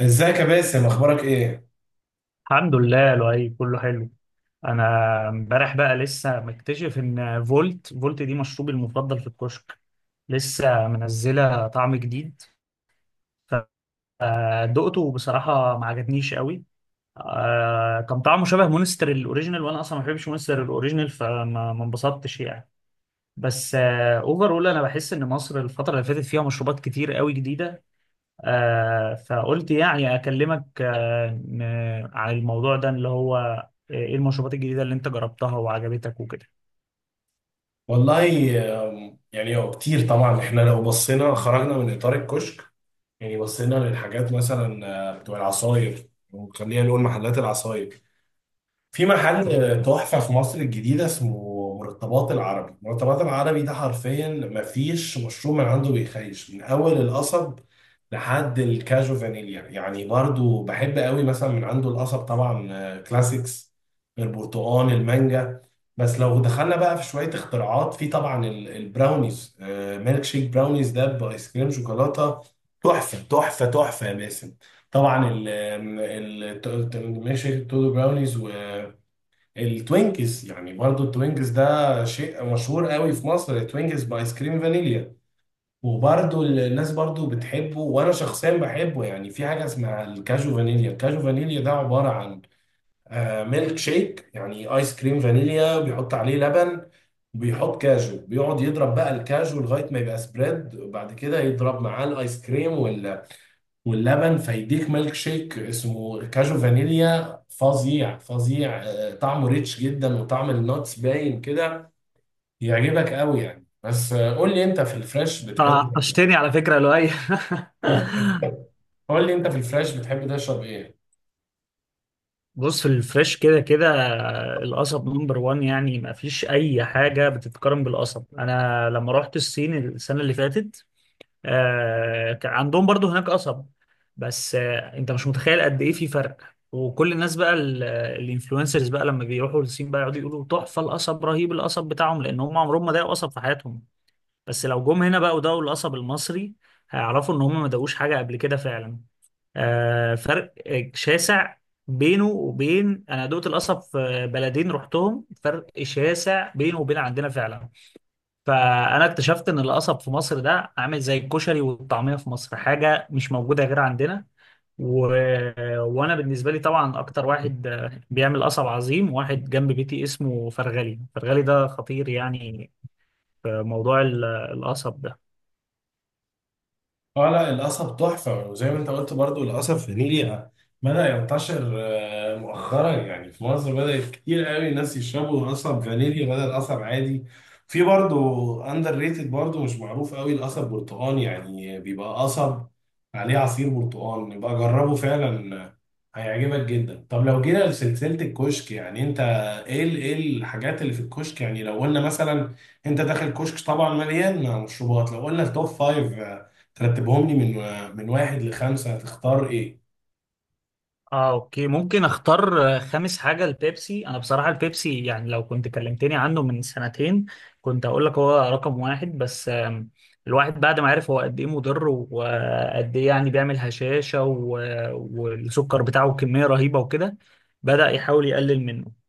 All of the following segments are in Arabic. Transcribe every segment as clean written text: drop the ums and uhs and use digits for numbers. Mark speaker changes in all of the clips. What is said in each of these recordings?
Speaker 1: ازيك يا باسم، اخبارك ايه؟
Speaker 2: الحمد لله لؤي، كله حلو. انا امبارح بقى لسه مكتشف ان فولت دي مشروبي المفضل في الكشك. لسه منزله طعم جديد فدقته، وبصراحه ما عجبنيش قوي. كان طعمه شبه مونستر الاوريجينال، وانا اصلا ما بحبش مونستر الاوريجينال، فما ما انبسطتش يعني. بس اوفرول انا بحس ان مصر الفتره اللي فاتت فيها مشروبات كتير قوي جديده. فقلت يعني أكلمك، عن الموضوع ده اللي هو إيه المشروبات الجديدة اللي أنت جربتها وعجبتك وكده.
Speaker 1: والله، يعني هو كتير. طبعا احنا لو بصينا خرجنا من اطار الكشك. يعني بصينا للحاجات مثلا بتوع العصاير، وخلينا نقول محلات العصاير. في محل تحفة في مصر الجديدة اسمه مرتبات العربي. مرتبات العربي ده حرفيا مفيش مشروب من عنده بيخيش، من أول القصب لحد الكاجو فانيليا. يعني برضو بحب قوي مثلا من عنده القصب، طبعا كلاسيكس البرتقال المانجا. بس لو دخلنا بقى في شوية اختراعات، في طبعا البراونيز. ميلك شيك براونيز ده بآيس كريم شوكولاتة، تحفة تحفة تحفة يا باسم. طبعا ميلك شيك تودو براونيز. التوينكس، يعني برضو التوينكس ده شيء مشهور قوي في مصر، التوينكس بايس كريم فانيليا. وبرضو الناس برضو بتحبه، وانا شخصيا بحبه. يعني في حاجة اسمها الكاجو فانيليا. الكاجو فانيليا ده عبارة عن ميلك شيك، يعني ايس كريم فانيليا بيحط عليه لبن، بيحط كاجو، بيقعد يضرب بقى الكاجو لغاية ما يبقى سبريد، وبعد كده يضرب معاه الايس كريم واللبن، فيديك ميلك شيك اسمه كاجو فانيليا. فظيع فظيع، طعمه ريتش جدا وطعم النوتس باين كده، يعجبك قوي يعني. بس قول لي، انت في الفريش بتحب إيه؟
Speaker 2: طشتني على فكرة يا لؤي.
Speaker 1: قول لي، انت في الفريش بتحب تشرب ايه؟
Speaker 2: بص، في الفريش كده كده، القصب نمبر 1. يعني ما فيش أي حاجة بتتقارن بالقصب. أنا لما رحت الصين السنة اللي فاتت، كان عندهم برضو هناك قصب. بس انت مش متخيل قد ايه في فرق. وكل الناس بقى الانفلونسرز بقى لما بيروحوا للصين بقى يقعدوا يقولوا تحفة القصب، رهيب القصب بتاعهم، لان هم عمرهم ما داقوا قصب في حياتهم. بس لو جم هنا بقى وداقوا القصب المصري، هيعرفوا ان هم ما داقوش حاجة قبل كده فعلا. فرق شاسع بينه وبين انا دقت القصب في بلدين رحتهم، فرق شاسع بينه وبين عندنا فعلا. فانا اكتشفت ان القصب في مصر ده عامل زي الكشري والطعميه في مصر، حاجه مش موجوده غير عندنا. و... وانا بالنسبه لي طبعا اكتر واحد بيعمل قصب عظيم واحد جنب بيتي اسمه فرغلي. فرغلي ده خطير يعني في موضوع القصب ده.
Speaker 1: اه، لا، القصب تحفة. وزي ما انت قلت برضو، القصب في نيلي بدأ ينتشر مؤخرا. يعني في مصر بدأت كتير قوي الناس يشربوا قصب فانيلي بدل قصب عادي. في برضو اندر ريتد، برضو مش معروف قوي، القصب برتقال. يعني بيبقى قصب عليه عصير برتقال. يبقى جربه فعلا هيعجبك جدا. طب لو جينا لسلسلة الكشك، يعني انت ايه ايه الحاجات اللي في الكشك؟ يعني لو قلنا مثلا انت داخل كشك طبعا مليان مشروبات، لو قلنا التوب فايف، ترتبهم لي من واحد لخمسة، هتختار ايه؟
Speaker 2: اه، اوكي، ممكن اختار خامس حاجة البيبسي. انا بصراحة البيبسي يعني لو كنت كلمتني عنه من سنتين، كنت اقول لك هو رقم واحد. بس الواحد بعد ما عرف هو قد ايه مضر وقد ايه يعني بيعمل هشاشة، والسكر بتاعه كمية رهيبة وكده، بدأ يحاول يقلل منه.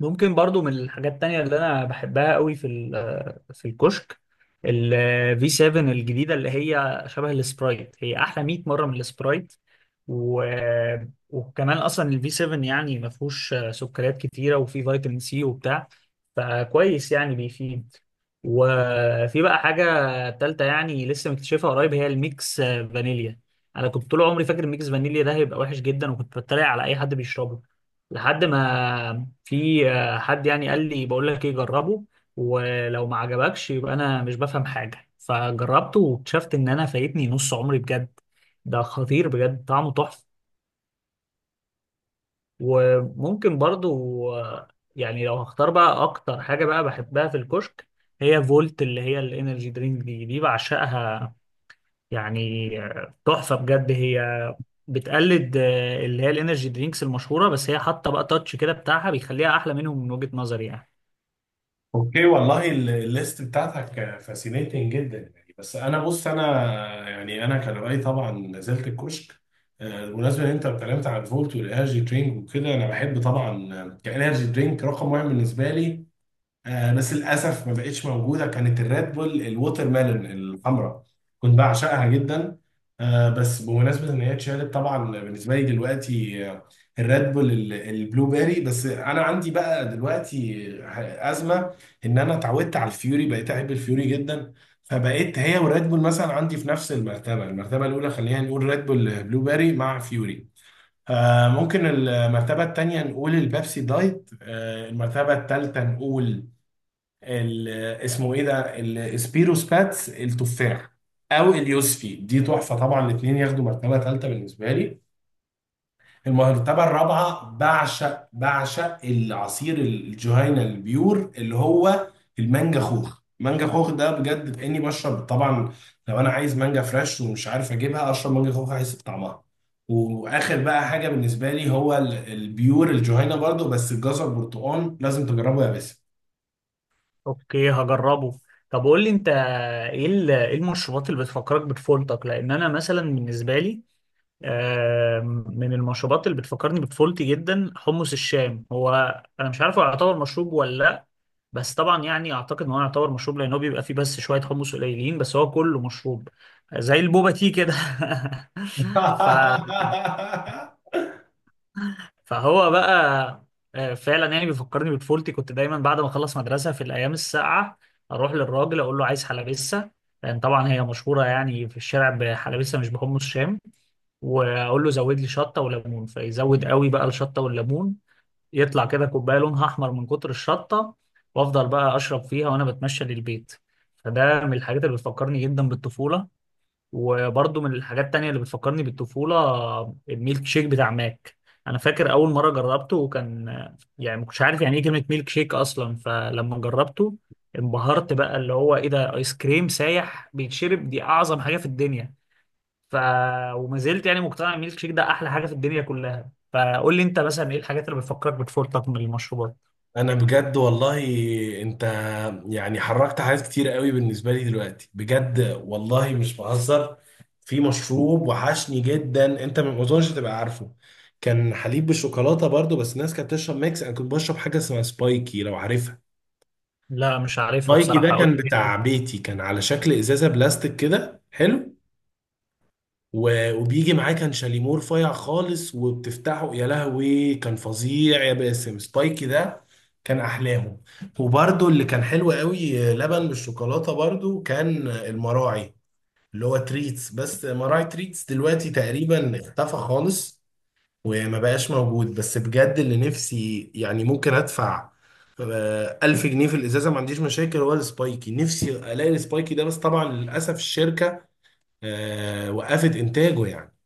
Speaker 2: ممكن برضو من الحاجات التانية اللي أنا بحبها قوي في الكشك، ال V7 الجديدة، اللي هي شبه السبرايت. هي أحلى 100 مرة من السبرايت. و... وكمان أصلا ال V7 يعني ما فيهوش سكريات كتيرة وفيه فيتامين سي وبتاع، فكويس يعني بيفيد. وفي بقى حاجة تالتة يعني لسه مكتشفها قريب، هي الميكس فانيليا. أنا كنت طول عمري فاكر الميكس فانيليا ده هيبقى وحش جدا، وكنت بتريق على أي حد بيشربه، لحد ما في حد يعني قال لي بقول لك ايه، جربه ولو ما عجبكش يبقى انا مش بفهم حاجه. فجربته واكتشفت ان انا فايتني نص عمري بجد. ده خطير بجد، طعمه تحفه. وممكن برضو، يعني لو هختار بقى اكتر حاجه بقى بحبها في الكشك، هي فولت، اللي هي الانرجي درينك. دي بعشقها، يعني تحفه بجد. هي بتقلد، اللي هي الانرجي درينكس المشهوره، بس هي حاطه بقى تاتش كده بتاعها بيخليها احلى منهم من وجهه نظري يعني.
Speaker 1: اوكي، والله الليست بتاعتك فاسينيتنج جدا يعني. بس انا، بص، انا يعني انا كان رايي طبعا نزلت الكشك بالمناسبه ان انت اتكلمت عن الفولت والانرجي درينك وكده. انا بحب طبعا كانرجي درينك رقم واحد بالنسبه لي، آه، بس للاسف ما بقتش موجوده، كانت الريد بول الووتر ميلون الحمراء، كنت بعشقها جدا. آه، بس بمناسبه ان هي اتشالت، طبعا بالنسبه لي دلوقتي الريد بول البلو بيري. بس انا عندي بقى دلوقتي ازمه، ان انا اتعودت على الفيوري، بقيت احب الفيوري جدا. فبقيت هي والريد بول مثلا عندي في نفس المرتبه الاولى خلينا نقول ريد بول بلو بيري مع فيوري. آه، ممكن المرتبه الثانيه نقول البيبسي دايت. آه، المرتبه الثالثه نقول ال- اسمه ايه ده، السبيروس باتس التفاح او اليوسفي، دي تحفه طبعا، الاثنين ياخدوا مرتبه ثالثه بالنسبه لي. المرتبه الرابعه، بعشق العصير الجهينه البيور، اللي هو المانجا خوخ. مانجا خوخ ده بجد كاني بشرب طبعا، لو انا عايز مانجا فريش ومش عارف اجيبها، اشرب مانجا خوخ احس بطعمها. واخر بقى حاجه بالنسبه لي، هو البيور الجهينه برضو بس الجزر برتقال، لازم تجربه يا باسم.
Speaker 2: اوكي، هجربه. طب قول لي انت، إيه المشروبات اللي بتفكرك بطفولتك؟ لان انا مثلا بالنسبه لي، من المشروبات اللي بتفكرني بطفولتي جدا حمص الشام. هو انا مش عارف هو يعتبر مشروب ولا لا، بس طبعا يعني اعتقد ان هو يعتبر مشروب، لان هو بيبقى فيه بس شويه حمص قليلين بس هو كله مشروب، زي البوبا تي كده. ف فهو بقى فعلا يعني بيفكرني بطفولتي. كنت دايما بعد ما اخلص مدرسه في الايام الساقعه اروح للراجل اقول له عايز حلبسه، لان طبعا هي مشهوره يعني في الشارع بحلبسه مش بحمص شام. واقول له زود لي شطه وليمون، فيزود قوي بقى الشطه والليمون، يطلع كده كوبايه لونها احمر من كتر الشطه، وافضل بقى اشرب فيها وانا بتمشى للبيت. فده من الحاجات اللي بتفكرني جدا بالطفوله. وبرضه من الحاجات التانية اللي بتفكرني بالطفولة، الميلك شيك بتاع ماك. أنا فاكر أول مرة جربته، كان يعني ما كنتش عارف يعني إيه كلمة ميلك شيك أصلا. فلما جربته، انبهرت بقى اللي هو إيه ده، آيس كريم سايح بيتشرب، دي أعظم حاجة في الدنيا. ف وما زلت يعني مقتنع إن الميلك شيك ده أحلى حاجة في الدنيا كلها. فقول لي أنت مثلا إيه الحاجات اللي بتفكرك بطفولتك من المشروبات؟
Speaker 1: انا بجد، والله انت يعني حركت حاجات كتير قوي بالنسبه لي دلوقتي، بجد والله مش بهزر. في مشروب وحشني جدا، انت ما اظنش تبقى عارفه، كان حليب بالشوكولاته برضو، بس الناس كانت بتشرب ميكس، انا كنت بشرب حاجه اسمها سبايكي، لو عارفها.
Speaker 2: لا مش عارفها
Speaker 1: سبايكي ده
Speaker 2: بصراحة، قول
Speaker 1: كان
Speaker 2: لي.
Speaker 1: بتاع بيتي، كان على شكل ازازه بلاستيك كده حلو، وبيجي معاه كان شاليمور فايع خالص، وبتفتحه، يا لهوي، كان فظيع يا باسم. سبايكي ده كان احلاهم. وبرده اللي كان حلو قوي لبن بالشوكولاته، برده كان المراعي اللي هو تريتس. بس مراعي تريتس دلوقتي تقريبا اختفى خالص وما بقاش موجود. بس بجد اللي نفسي، يعني ممكن ادفع 1000 جنيه في الإزازة، ما عنديش مشاكل، هو السبايكي، نفسي ألاقي السبايكي ده. بس طبعا للأسف الشركة وقفت إنتاجه يعني.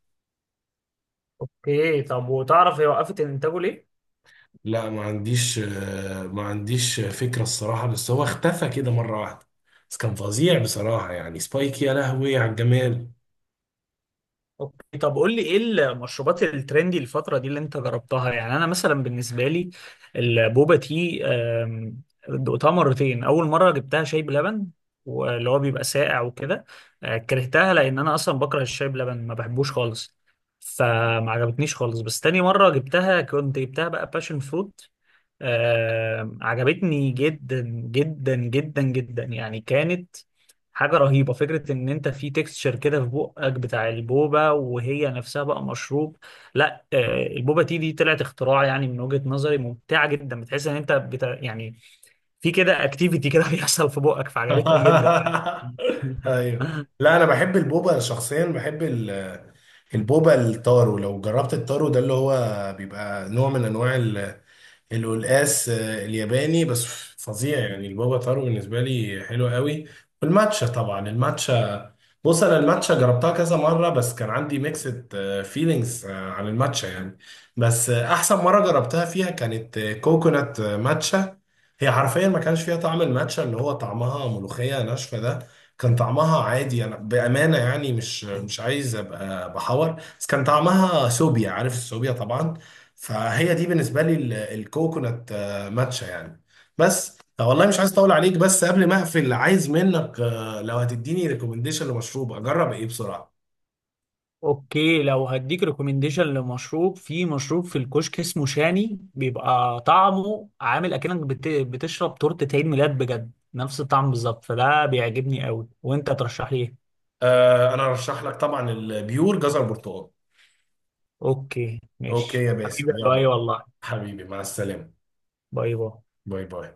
Speaker 2: أوكي، طب وتعرف هي وقفت إنتاجه ليه؟
Speaker 1: لا، ما عنديش فكرة الصراحة، بس هو اختفى كده مرة واحدة. بس كان فظيع بصراحة، يعني سبايك، يا لهوي على الجمال.
Speaker 2: اوكي، طب قول لي ايه المشروبات الترندي الفترة دي اللي انت جربتها؟ يعني انا مثلا بالنسبة لي البوبا تي، دقتها مرتين. اول مرة جبتها شاي بلبن، واللي هو بيبقى ساقع وكده، كرهتها لان انا اصلا بكره الشاي بلبن ما بحبوش خالص. فما عجبتنيش خالص. بس تاني مرة جبتها، كنت جبتها بقى باشن فروت، عجبتني جدا جدا جدا جدا. يعني كانت حاجة رهيبة، فكرة ان انت في تكستشر كده في بقك بتاع البوبة وهي نفسها بقى مشروب. لا البوبة تي دي طلعت اختراع يعني، من وجهة نظري ممتعة جدا. بتحس ان انت يعني في كده اكتيفيتي كده بيحصل في بقك، فعجبتني جدا يعني.
Speaker 1: ايوه. لا، انا بحب البوبا شخصيا، بحب البوبا التارو. لو جربت التارو ده، اللي هو بيبقى نوع من انواع القلقاس الياباني، بس فظيع يعني. البابا طارو بالنسبة لي حلو قوي. والماتشا، طبعا الماتشا، بص انا الماتشا جربتها كذا مرة، بس كان عندي ميكسد فيلينجز عن الماتشا يعني. بس احسن مرة جربتها فيها كانت كوكونات ماتشا. هي حرفيا ما كانش فيها طعم الماتشا اللي هو طعمها ملوخية ناشفة ده، كان طعمها عادي. انا بأمانة يعني مش عايز ابقى بحور، بس كان طعمها سوبيا، عارف السوبيا طبعا. فهي دي بالنسبه لي الكوكونات ماتشا يعني. بس طب والله مش عايز اطول عليك، بس قبل ما اقفل عايز منك لو هتديني ريكومنديشن لمشروب اجرب ايه بسرعه؟
Speaker 2: اوكي، لو هديك ريكومنديشن لمشروب، في مشروب في الكشك اسمه شاني، بيبقى طعمه عامل اكنك بتشرب تورتة عيد ميلاد بجد، نفس الطعم بالظبط. فده بيعجبني قوي. وانت ترشح لي ايه؟
Speaker 1: انا ارشح لك طبعا البيور جزر برتقال.
Speaker 2: اوكي،
Speaker 1: اوكي
Speaker 2: ماشي
Speaker 1: يا
Speaker 2: حبيبي،
Speaker 1: باسم، يلا
Speaker 2: باي، والله.
Speaker 1: حبيبي، مع السلامه.
Speaker 2: باي باي.
Speaker 1: باي باي.